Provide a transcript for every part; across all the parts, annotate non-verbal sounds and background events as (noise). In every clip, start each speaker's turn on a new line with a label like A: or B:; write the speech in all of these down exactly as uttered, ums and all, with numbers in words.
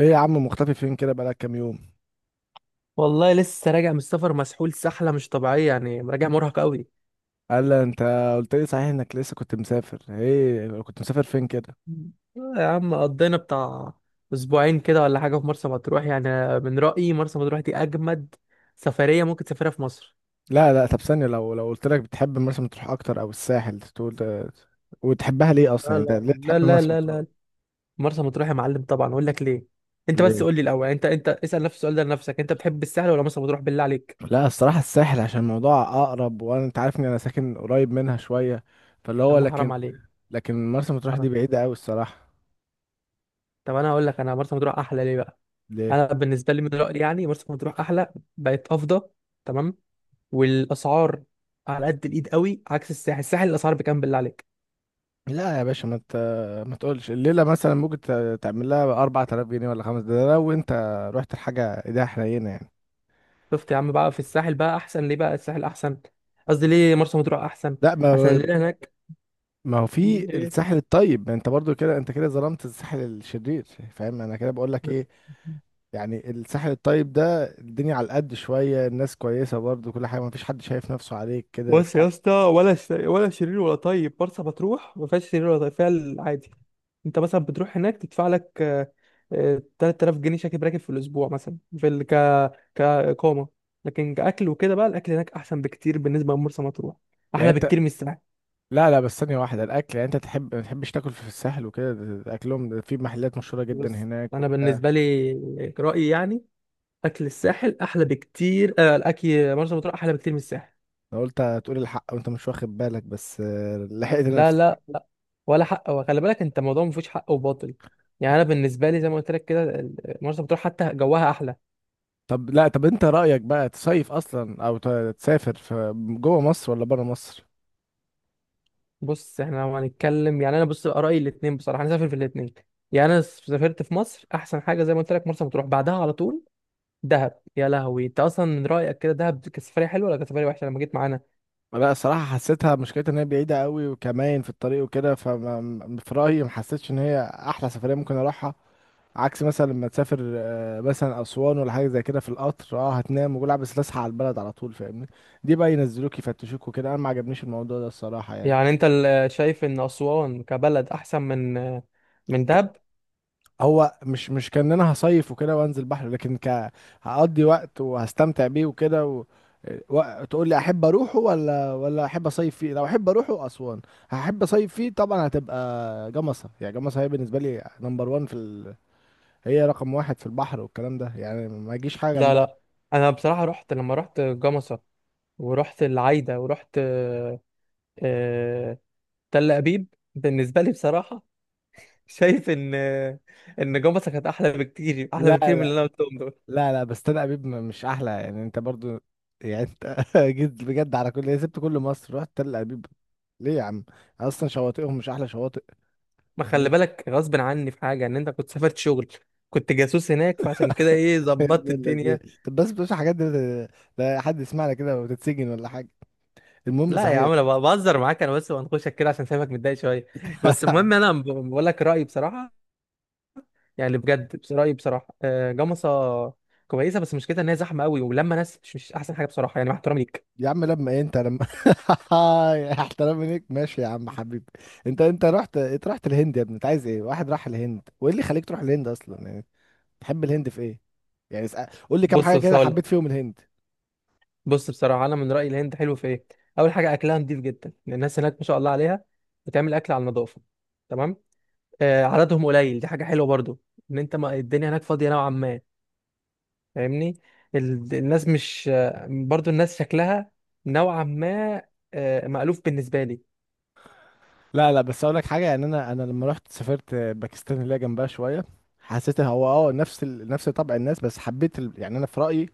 A: ايه يا عم مختفي فين كده بقالك كام يوم؟
B: والله لسه راجع من السفر مسحول سحلة مش طبيعية، يعني راجع مرهق قوي.
A: قال لي انت قلت لي صحيح انك لسه كنت مسافر، ايه كنت مسافر فين كده؟
B: آه يا عم، قضينا بتاع أسبوعين كده ولا حاجة في مرسى مطروح. يعني أنا من رأيي مرسى مطروح دي أجمد سفرية ممكن تسافرها في مصر.
A: لا لا، طب ثانيه لو لو قلت لك بتحب مرسى مطروح اكتر او الساحل تقول ده- وتحبها ليه اصلا؟
B: لا
A: يعني انت ليه
B: لا لا
A: تحب
B: لا
A: مرسى
B: لا
A: مطروح؟
B: لا، مرسى مطروح يا معلم، طبعا أقول لك ليه. أنت بس
A: ليه؟
B: قول لي الأول، أنت أنت اسأل نفس السؤال ده لنفسك. أنت بتحب الساحل ولا مرسى مطروح بالله عليك؟
A: لا الصراحه الساحل عشان الموضوع اقرب، وانا انت عارف ان انا ساكن قريب منها شويه، فاللي
B: يا
A: هو
B: عم حرام
A: لكن،
B: عليك.
A: لكن مرسى مطروح دي
B: حرام.
A: بعيده قوي الصراحه.
B: طب أنا أقول لك، أنا مرسى مطروح أحلى ليه بقى.
A: ليه؟
B: أنا بالنسبة لي من رأيي يعني مرسى مطروح أحلى، بقت أفضل. تمام. والاسعار على قد الايد قوي، عكس الساحل. الساحل الاسعار بكام بالله عليك؟
A: لا يا باشا ما ت... ما تقولش الليله مثلا ممكن ت- تعمل لها أربعة آلاف جنيه ولا خمسة، ده لو انت رحت لحاجه ايديها حنينه يعني.
B: شفت يا عم بقى؟ في الساحل بقى احسن ليه بقى؟ الساحل احسن، قصدي ليه مرسى مطروح احسن.
A: لا ما
B: عشان
A: ما
B: اللي هناك.
A: ما هو في
B: (laughs) ايه.
A: الساحل الطيب، ما انت برضو كده، انت كده ظلمت الساحل الشرير. فاهم انا كده بقول لك ايه؟ يعني الساحل الطيب ده الدنيا على قد شويه، الناس كويسه برضو، كل حاجه ما فيش حد شايف نفسه عليك كده.
B: بص يا اسطى، ولا ش... ولا شرير ولا طيب، مرسى مطروح ما فيهاش شرير ولا طيب، فيها العادي. انت مثلا بتروح هناك تدفع لك آه، آه، تلت تلاف جنيه شاكب راكب في الاسبوع، مثلا في ال... ك كاقامه. لكن كاكل وكده بقى، الاكل هناك احسن بكتير بالنسبه لمرسى مطروح،
A: يعني
B: احلى
A: انت،
B: بكتير من الساحل.
A: لا لا، بس ثانيه واحده، الاكل يعني انت تحب ما تحبش تاكل في الساحل وكده، ده- ده اكلهم ده في محلات مشهوره جدا
B: بص
A: هناك
B: انا
A: وبتاع.
B: بالنسبه لي رايي يعني، اكل الساحل احلى بكتير. آه الاكل مرسى مطروح احلى بكتير من الساحل.
A: انا قلت هتقول الحق وانت مش واخد بالك بس (laughs) آه، لحقت
B: لا
A: نفسي.
B: لا لا. ولا حق، وخلي بالك انت، الموضوع ما فيهوش حق وباطل. يعني انا بالنسبه لي زي ما قلت لك كده، ال- مرسى مطروح حتى جواها احلى.
A: طب لا، طب انت رأيك بقى تصيف اصلا او ت- تسافر في جوه مصر ولا بره مصر؟
B: بص احنا لو هنتكلم يعني، انا بص بقى رايي الاثنين بصراحه، انا سافر في الاثنين. يعني انا سافرت في مصر احسن حاجه زي ما قلت لك مرسى مطروح، بعدها على طول دهب. يا لهوي، انت اصلا من رايك كده، دهب كانت سفريه حلوه ولا كانت سفريه وحشه لما جيت معانا؟
A: لا صراحة حسيتها مشكلتها ان هي بعيدة قوي، وكمان في الطريق وكده، فما في رأيي ما حسيتش ان هي احلى سفرية ممكن اروحها. عكس مثلا لما تسافر آه، مثلا اسوان ولا حاجة زي كده في القطر، اه هتنام وجولع بس تصحى على البلد على طول، فاهمني؟ دي بقى ينزلوك يفتشوك وكده، انا ما عجبنيش الموضوع ده الصراحة يعني.
B: يعني انت ال- شايف ان اسوان كبلد احسن من من دهب؟
A: هو مش مش كان انا هصيف وكده وانزل بحر، لكن ك هقضي وقت وهستمتع بيه وكده و... و... تقول لي احب اروحه ولا ولا احب اصيف فيه، لو احب اروحه اسوان هحب اصيف فيه طبعا. هتبقى جمصة، يعني جمصة هي بالنسبة لي نمبر وان في ال... هي رقم واحد في البحر والكلام ده، يعني ما يجيش حاجة
B: لا
A: جنبها.
B: لا. انا بصراحه رحت، لما رحت جمصه، ورحت العايده، ورحت آه، آه، تل ابيب. بالنسبه لي بصراحه، (laughs) شايف ان ان جمصه كانت احلى بكتير، احلى
A: لا
B: بكتير من اللي
A: لا
B: انا قلتهم دول.
A: لا لا، بس انا ابيب م- مش احلى، يعني انت برضو يعني انت (laughs) جيت بجد على كل سبت كل مصر رحت تل ابيب؟ ليه يا عم؟ اصلا شواطئهم مش احلى شواطئ.
B: ما خلي بالك، غصب عني في حاجه، ان انت كنت سافرت شغل، كنت جاسوس هناك، فعشان كده ايه
A: يا
B: ظبطت
A: ابن اللذين.
B: الدنيا.
A: طب بس بلاش الحاجات دي، لا حد يسمعنا كده وتتسجن ولا حاجه. المهم
B: لا يا
A: صحيح.
B: عم انا بهزر معاك، انا بس بنخشك كده عشان سايبك متضايق شويه. بس المهم
A: (laughs)
B: انا ب- بقول لك رايي بصراحه. يعني بجد، بس رأيي بصراحة، آه، جمصة كويسة، بس مشكلتها ان هي زحمة قوي، ولما ناس مش, مش احسن حاجة بصراحة، يعني مع احترامي ليك.
A: يا عم لما ايه انت لما (laughs) احترام ليك ماشي يا عم حبيبي. انت انت رحت، انت رحت الهند يا ابني، انت عايز ايه؟ واحد راح الهند! وايه اللي خليك تروح الهند اصلا يعني؟ تحب الهند في ايه؟ يعني اسأل... قول لي كام
B: بص
A: حاجه
B: بص
A: كده
B: هقول لك.
A: حبيت فيهم الهند.
B: بص بصراحة انا من رأيي الهند حلو في ايه. اول حاجة اكلها نضيف جدا، لأن الناس هناك ما شاء الله عليها بتعمل اكل على النظافة. تمام. آه، عددهم قليل، دي حاجة حلوة برضو. ان انت، ما الدنيا هناك فاضية نوعا ما، فاهمني؟ ال- الناس مش، آه، برضو الناس شكلها نوعا ما آه، مألوف بالنسبة لي.
A: لا لا، بس اقول لك حاجه، يعني انا انا لما رحت سافرت باكستان اللي هي جنبها شويه، حسيت هو اه نفس ال... نفس طبع الناس، بس حبيت ال... يعني انا في رايي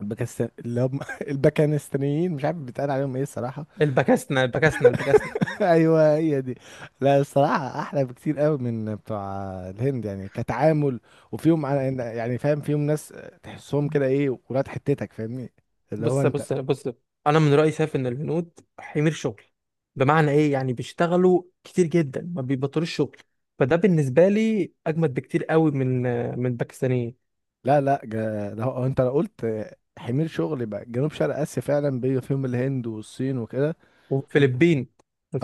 A: الباكستان اللي هم (laughs) الباكستانيين، مش عارف بيتقال عليهم ايه الصراحه.
B: البكاسنة البكاسنة البكاسنة.
A: (laughs) ايوه هي دي. لا الصراحه احلى بكتير قوي من بتوع الهند يعني كتعامل، وفيهم على- يعني فاهم، فيهم ناس تحسهم كده ايه ولاد حتتك، فاهمني؟ اللي هو
B: بص
A: انت.
B: بص بص، انا من رايي شايف ان الهنود حمير شغل، بمعنى ايه يعني، بيشتغلوا كتير جدا ما بيبطلوش شغل. فده بالنسبه لي اجمد بكتير قوي من من الباكستانيين.
A: لا لا جا- ده هو انت لو قلت حمير شغل يبقى جنوب شرق اسيا فعلا، بيبقى فيهم الهند والصين وكده. دو-
B: والفلبين.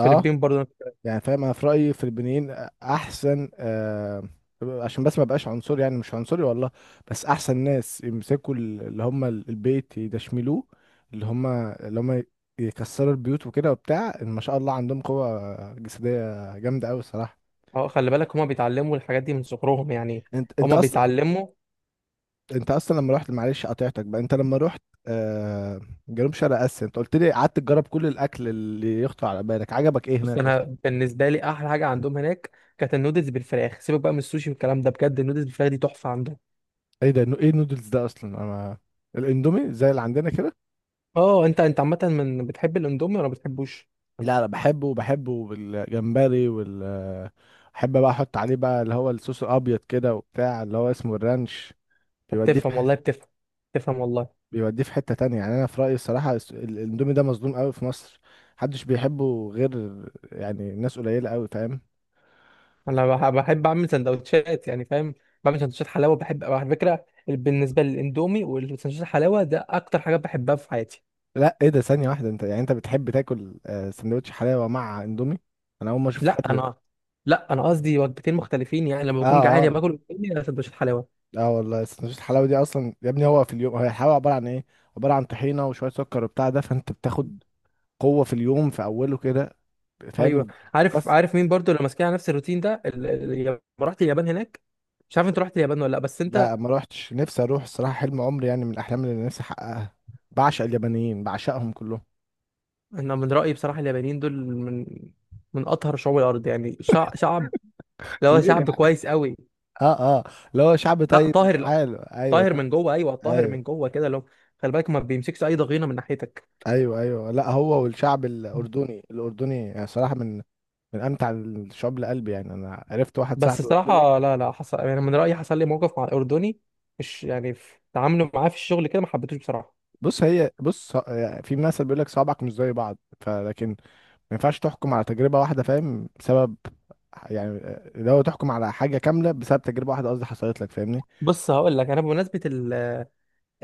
A: اه.
B: برضه.
A: يعني فاهم انا في رايي في البنين احسن، آه عشان بس ما بقاش عنصري، يعني مش عنصري والله، بس احسن ناس يمسكوا ال- اللي هم ال- البيت يدشملوه، اللي هم اللي هم يكسروا البيوت وكده وبتاع. إن ما شاء الله عندهم قوة جسدية جامدة قوي الصراحة.
B: اه خلي بالك، هما بيتعلموا الحاجات دي من صغرهم يعني.
A: انت انت
B: هما
A: اصلا
B: بيتعلموا.
A: انت اصلا لما رحت، معلش قطعتك بقى، انت لما رحت آه جنوب شرق اسيا انت قلت لي قعدت تجرب كل الاكل اللي يخطر على بالك، عجبك ايه
B: بص
A: هناك
B: انا
A: اصلا؟
B: بالنسبه لي احلى حاجه عندهم هناك كانت النودلز بالفراخ. سيبك بقى من السوشي والكلام ده، بجد النودلز بالفراخ دي تحفه عندهم.
A: ايه ده؟ ايه النودلز ده اصلا؟ انا الاندومي زي اللي عندنا كده.
B: اه انت، انت عامه من بتحب الاندومي ولا ما بتحبوش؟
A: لا لا، بحبه بحبه بالجمبري وال، بحب بقى احط عليه بقى اللي هو الصوص الابيض كده وبتاع اللي هو اسمه الرانش.
B: طب
A: بيوديه في
B: بتفهم
A: حته
B: والله بتفهم. بتفهم والله.
A: بيوديه في حته تانية، يعني انا في رايي الصراحه الس- ال- الاندومي ده مظلوم قوي في مصر، محدش بيحبه غير، يعني ناس قليله قوي، فاهم؟
B: انا بح- بحب اعمل سندوتشات، يعني فاهم؟ بعمل سندوتشات حلاوه. بحب على فكره بالنسبه للاندومي والسندوتشات الحلاوه، ده اكتر حاجه بحبها في حياتي.
A: لا ايه ده، ثانيه واحده، انت يعني انت بتحب تاكل آه، سندوتش حلاوه مع اندومي؟ انا اول ما اشوف
B: لا
A: حد اه.
B: انا، لا انا قصدي وجبتين مختلفين، يعني لما بكون جعان يا
A: اه،
B: باكل اندومي يا سندوتشات حلاوه.
A: اه والله سندوتش الحلاوه دي اصلا يا ابني، هو في اليوم هي الحلاوه عباره عن ايه؟ عباره عن طحينه وشويه سكر وبتاع، ده فانت بتاخد قوة في اليوم في أوله كده،
B: ايوه.
A: فاهم؟
B: عارف
A: تكسر.
B: عارف مين برضو اللي ماسكين على نفس الروتين ده؟ ال- ال- لما رحت اليابان هناك. مش عارف انت رحت اليابان ولا لا بس
A: لا
B: انت.
A: ما روحتش، نفسي أروح الصراحة، حلم عمري يعني من الأحلام اللي نفسي أحققها، بعشق اليابانيين بعشقهم كلهم.
B: انا من رايي بصراحه اليابانيين دول من من اطهر شعوب الارض. يعني شع- شعب، اللي هو
A: ليه
B: شعب
A: يعني؟
B: كويس قوي.
A: اه اه، اللي هو شعب
B: لا
A: طيب
B: طاهر،
A: وحاله، ايوه.
B: طاهر من جوه، ايوه طاهر من
A: ايوه
B: جوه كده. لو خلي بالك ما بيمسكش اي ضغينه من ناحيتك.
A: ايوه، ايوه لا هو، والشعب الاردني، الاردني يعني صراحه من من امتع الشعوب لقلبي، يعني انا عرفت واحد
B: بس
A: صاحبي اردني.
B: صراحه لا لا، حصل يعني من رايي حصل لي موقف مع الاردني، مش يعني في تعامله معاه في الشغل كده ما حبيتوش بصراحه.
A: بص هي بص، في مثل بيقول لك صوابعك مش زي بعض، فلكن ما ينفعش تحكم على تجربة واحدة، فاهم؟ بسبب يعني، لو تحكم على حاجة كاملة بسبب تجربة واحدة قصدي حصلت لك، فاهمني؟
B: بص هقول لك، انا بمناسبه ال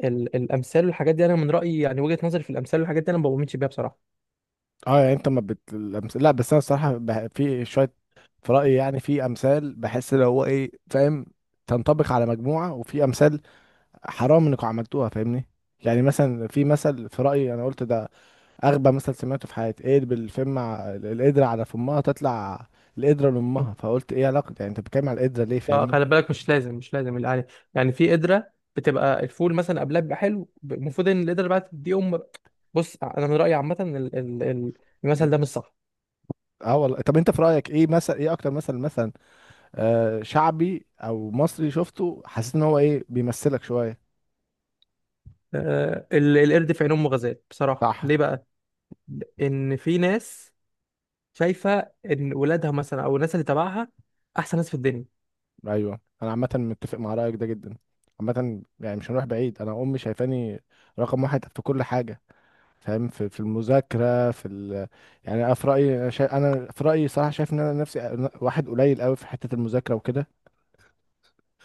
B: ال الامثال والحاجات دي، انا من رايي يعني وجهه نظري في الامثال والحاجات دي، انا ما بؤمنش بيها بصراحه.
A: اه يعني انت ما بت... الأمس- لا بس انا الصراحة بح... في شوية في رأيي، يعني في امثال بحس لو هو ايه، فاهم، تنطبق على مجموعة، وفي امثال حرام انكم عملتوها، فاهمني؟ يعني مثلا في مثل في رأيي انا قلت ده اغبى مثل سمعته في حياتي، ايه بالفم ع- القدرة على فمها تطلع القدرة لامها، فقلت ايه علاقة، يعني انت بتتكلم على القدرة ليه،
B: لا،
A: فاهمني؟
B: خلي بالك مش لازم مش لازم، يعني يعني في قدره بتبقى الفول مثلا قبلها بيبقى حلو، المفروض ان القدره اللي بعد دي ام. بص انا من رايي عامه ال- ال- ال- المثل ده مش صح.
A: اه والله، طب انت في رايك ايه مثلا، ايه اكتر مثلا مثلا آه شعبي او مصري شفته حسيت ان هو ايه بيمثلك شويه؟
B: آه، ال- القرد في عين امه غزال. بصراحه
A: صح.
B: ليه بقى؟ ان في ناس شايفه ان ولادها مثلا او الناس اللي تبعها احسن ناس في الدنيا.
A: ايوه انا عامه متفق مع رايك ده جدا، عامه يعني مش هنروح بعيد، انا امي شايفاني رقم واحد في كل حاجه، فاهم؟ في في المذاكره في ال... يعني انا في رايي انا شا... انا في رايي صراحه شايف ان انا نفسي واحد قليل قوي في حته المذاكره وكده.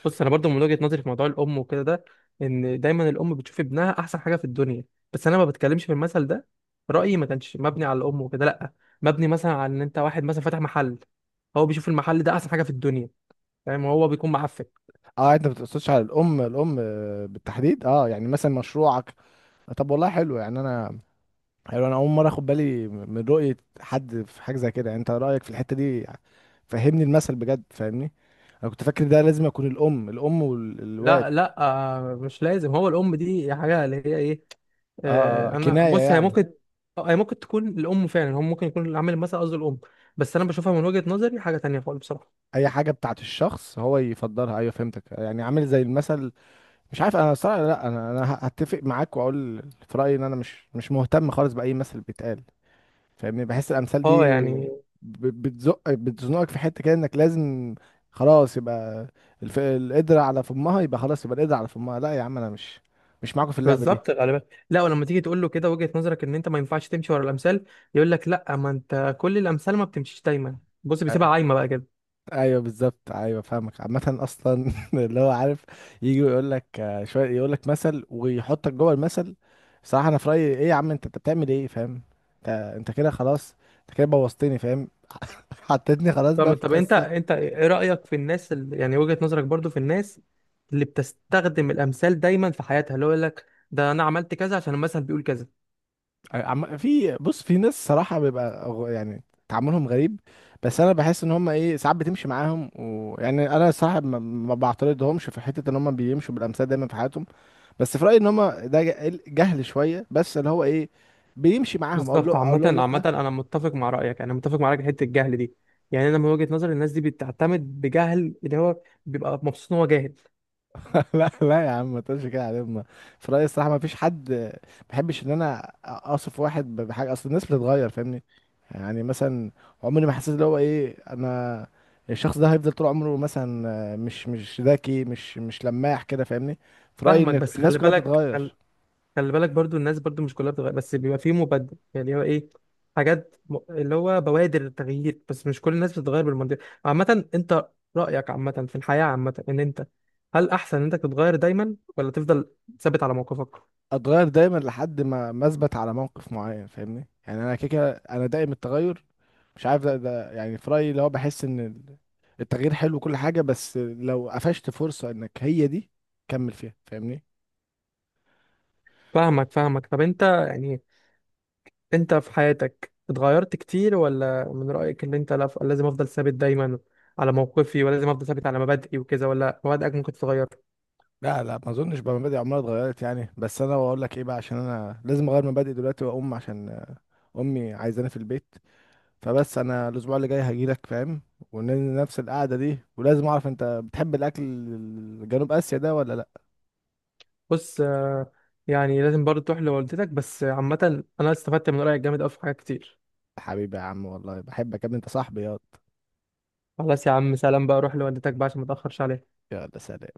B: بص انا برضو من وجهه نظري في موضوع الام وكده ده، ان دايما الام بتشوف ابنها احسن حاجه في الدنيا. بس انا ما بتكلمش في المثل ده، رايي ما كانش مبني على الام وكده، لا، مبني مثلا على ان انت واحد مثلا فاتح محل، هو بيشوف المحل ده احسن حاجه في الدنيا، فاهم؟ هو بيكون معفن.
A: اه انت ما بتقصدش على الام، الام آه، بالتحديد، اه يعني مثلا مشروعك. طب والله حلو، يعني انا، حلو انا اول مره اخد بالي من رؤيه حد في حاجه زي كده، يعني انت رايك في الحته دي، فهمني المثل بجد فاهمني. انا كنت فاكر ده لازم يكون الام، الام والواد.
B: لا لا، آه، مش لازم، هو الام دي حاجه اللي هي ايه.
A: اه اه
B: آه، انا
A: كنايه
B: بص هي
A: يعني.
B: ممكن، آه، هي ممكن تكون الام فعلا، هم ممكن يكون العامل المثل قصده الام، بس انا بشوفها من وجهه نظري حاجه تانية خالص بصراحه.
A: اي حاجه بتاعت الشخص هو يفضلها، ايوه فهمتك يعني عامل زي المثل. مش عارف انا صراحه، لا انا انا هتفق معاك واقول في رايي ان انا مش مش مهتم خالص باي مثل بيتقال، فاهمني؟ بحس الامثال
B: اه
A: دي
B: يعني.
A: ب- بتزق بتزنقك في حته كده انك لازم خلاص يبقى الف... القدرة على فمها يبقى خلاص يبقى القدرة على فمها، لا يا عم انا مش مش معاكم في اللعبه دي.
B: بالظبط غالبا. لا، ولما تيجي تقول له كده وجهه نظرك ان انت ما ينفعش تمشي ورا الامثال، يقول لك لا، ما انت كل الامثال ما بتمشيش دايما. بص بيسيبها
A: أ-
B: عايمه بقى كده.
A: ايوه بالظبط، ايوه فاهمك، عامه اصلا (laughs) اللي هو عارف يجي يقول لك شويه، يقول لك مثل ويحطك جوه المثل، صراحه انا في رايي ايه يا عم، انت انت بتعمل ايه فاهم؟ انت انت كده خلاص، انت كده بوظتني، فاهم؟ (laughs) حطيتني خلاص
B: طب
A: بقى في
B: طب، انت
A: قصه.
B: انت ايه رأيك في الناس اللي يعني وجهة نظرك برضو في الناس اللي بتستخدم الامثال دايما في حياتها، اللي هو يقول لك ده انا عملت كذا عشان المثل بيقول كذا.
A: عم... في بص، في ناس صراحة بيبقى غ- يعني تعاملهم غريب، بس انا بحس ان هم ايه ساعات بتمشي معاهم، ويعني انا صراحة ما, ما بعترضهمش في حتة ان هم بيمشوا بالامثال دايما في حياتهم، بس في رأيي ان هم ده ج- جهل شوية، بس اللي هو ايه، بيمشي معاهم اقول
B: بالظبط.
A: له اقول
B: عامة
A: لهم
B: عامة،
A: لا.
B: انا متفق مع رأيك، انا متفق مع رأيك في حتة الجهل دي. يعني انا من وجهة نظري الناس دي بتعتمد بجهل، اللي هو بيبقى مبسوط ان هو جاهل.
A: (laughs) لا لا يا عم ما تقولش كده، على ما في رأيي الصراحة ما فيش حد، ما بحبش ان انا اصف واحد ب- بحاجة، اصل الناس بتتغير فاهمني؟ يعني مثلا عمري ما حسيت اللي هو ايه، انا الشخص ده هيفضل طول عمره مثلا آه، مش مش ذكي، مش مش لماح كده فاهمني، في رأيي
B: فاهمك.
A: ان
B: بس
A: الناس
B: خلي
A: كلها
B: بالك،
A: بتتغير.
B: خلي بالك برضو الناس برضو مش كلها بتغير، بس بيبقى فيه مبدل يعني هو ايه، حاجات م... اللي هو بوادر التغيير، بس مش كل الناس بتتغير بالمنطق. عامة، انت رأيك عامة في الحياة عامة، ان انت هل احسن ان انت تتغير دايما ولا تفضل ثابت على موقفك؟
A: اتغير دايما لحد ما ما اثبت على موقف معين فاهمني، يعني انا كده كده انا دائم التغير، مش عارف ده, ده يعني في رأيي اللي هو بحس ان ال- التغيير حلو وكل حاجة، بس لو قفشت فرصة انك هي دي كمل فيها، فاهمني؟
B: فاهمك. فاهمك، طب انت يعني انت في حياتك اتغيرت كتير، ولا من رأيك ان انت لا- لازم افضل ثابت دايما على موقفي ولازم افضل ثابت على مبادئي وكذا، ولا مبادئك ممكن تتغير؟
A: لا لا ما اظنش، بقى مبادئي عمرها اتغيرت يعني، بس انا بقول لك ايه بقى، عشان انا لازم اغير مبادئي دلوقتي واقوم، عشان آه، امي عايزاني في البيت، فبس انا الاسبوع اللي جاي هجيلك، فاهم؟ ونفس القعدة دي، ولازم اعرف انت بتحب الاكل الجنوب اسيا ده ولا لا.
B: بص آه، يعني لازم برضه تروح لوالدتك، بس عامة أنا استفدت من رأيك جامد أوي في حاجات كتير.
A: حبيبي يا عم والله بحبك يا ابني، انت صاحبي ياض.
B: خلاص يا عم، سلام بقى، روح لوالدتك بقى عشان ما تأخرش عليها.
A: يلا سلام.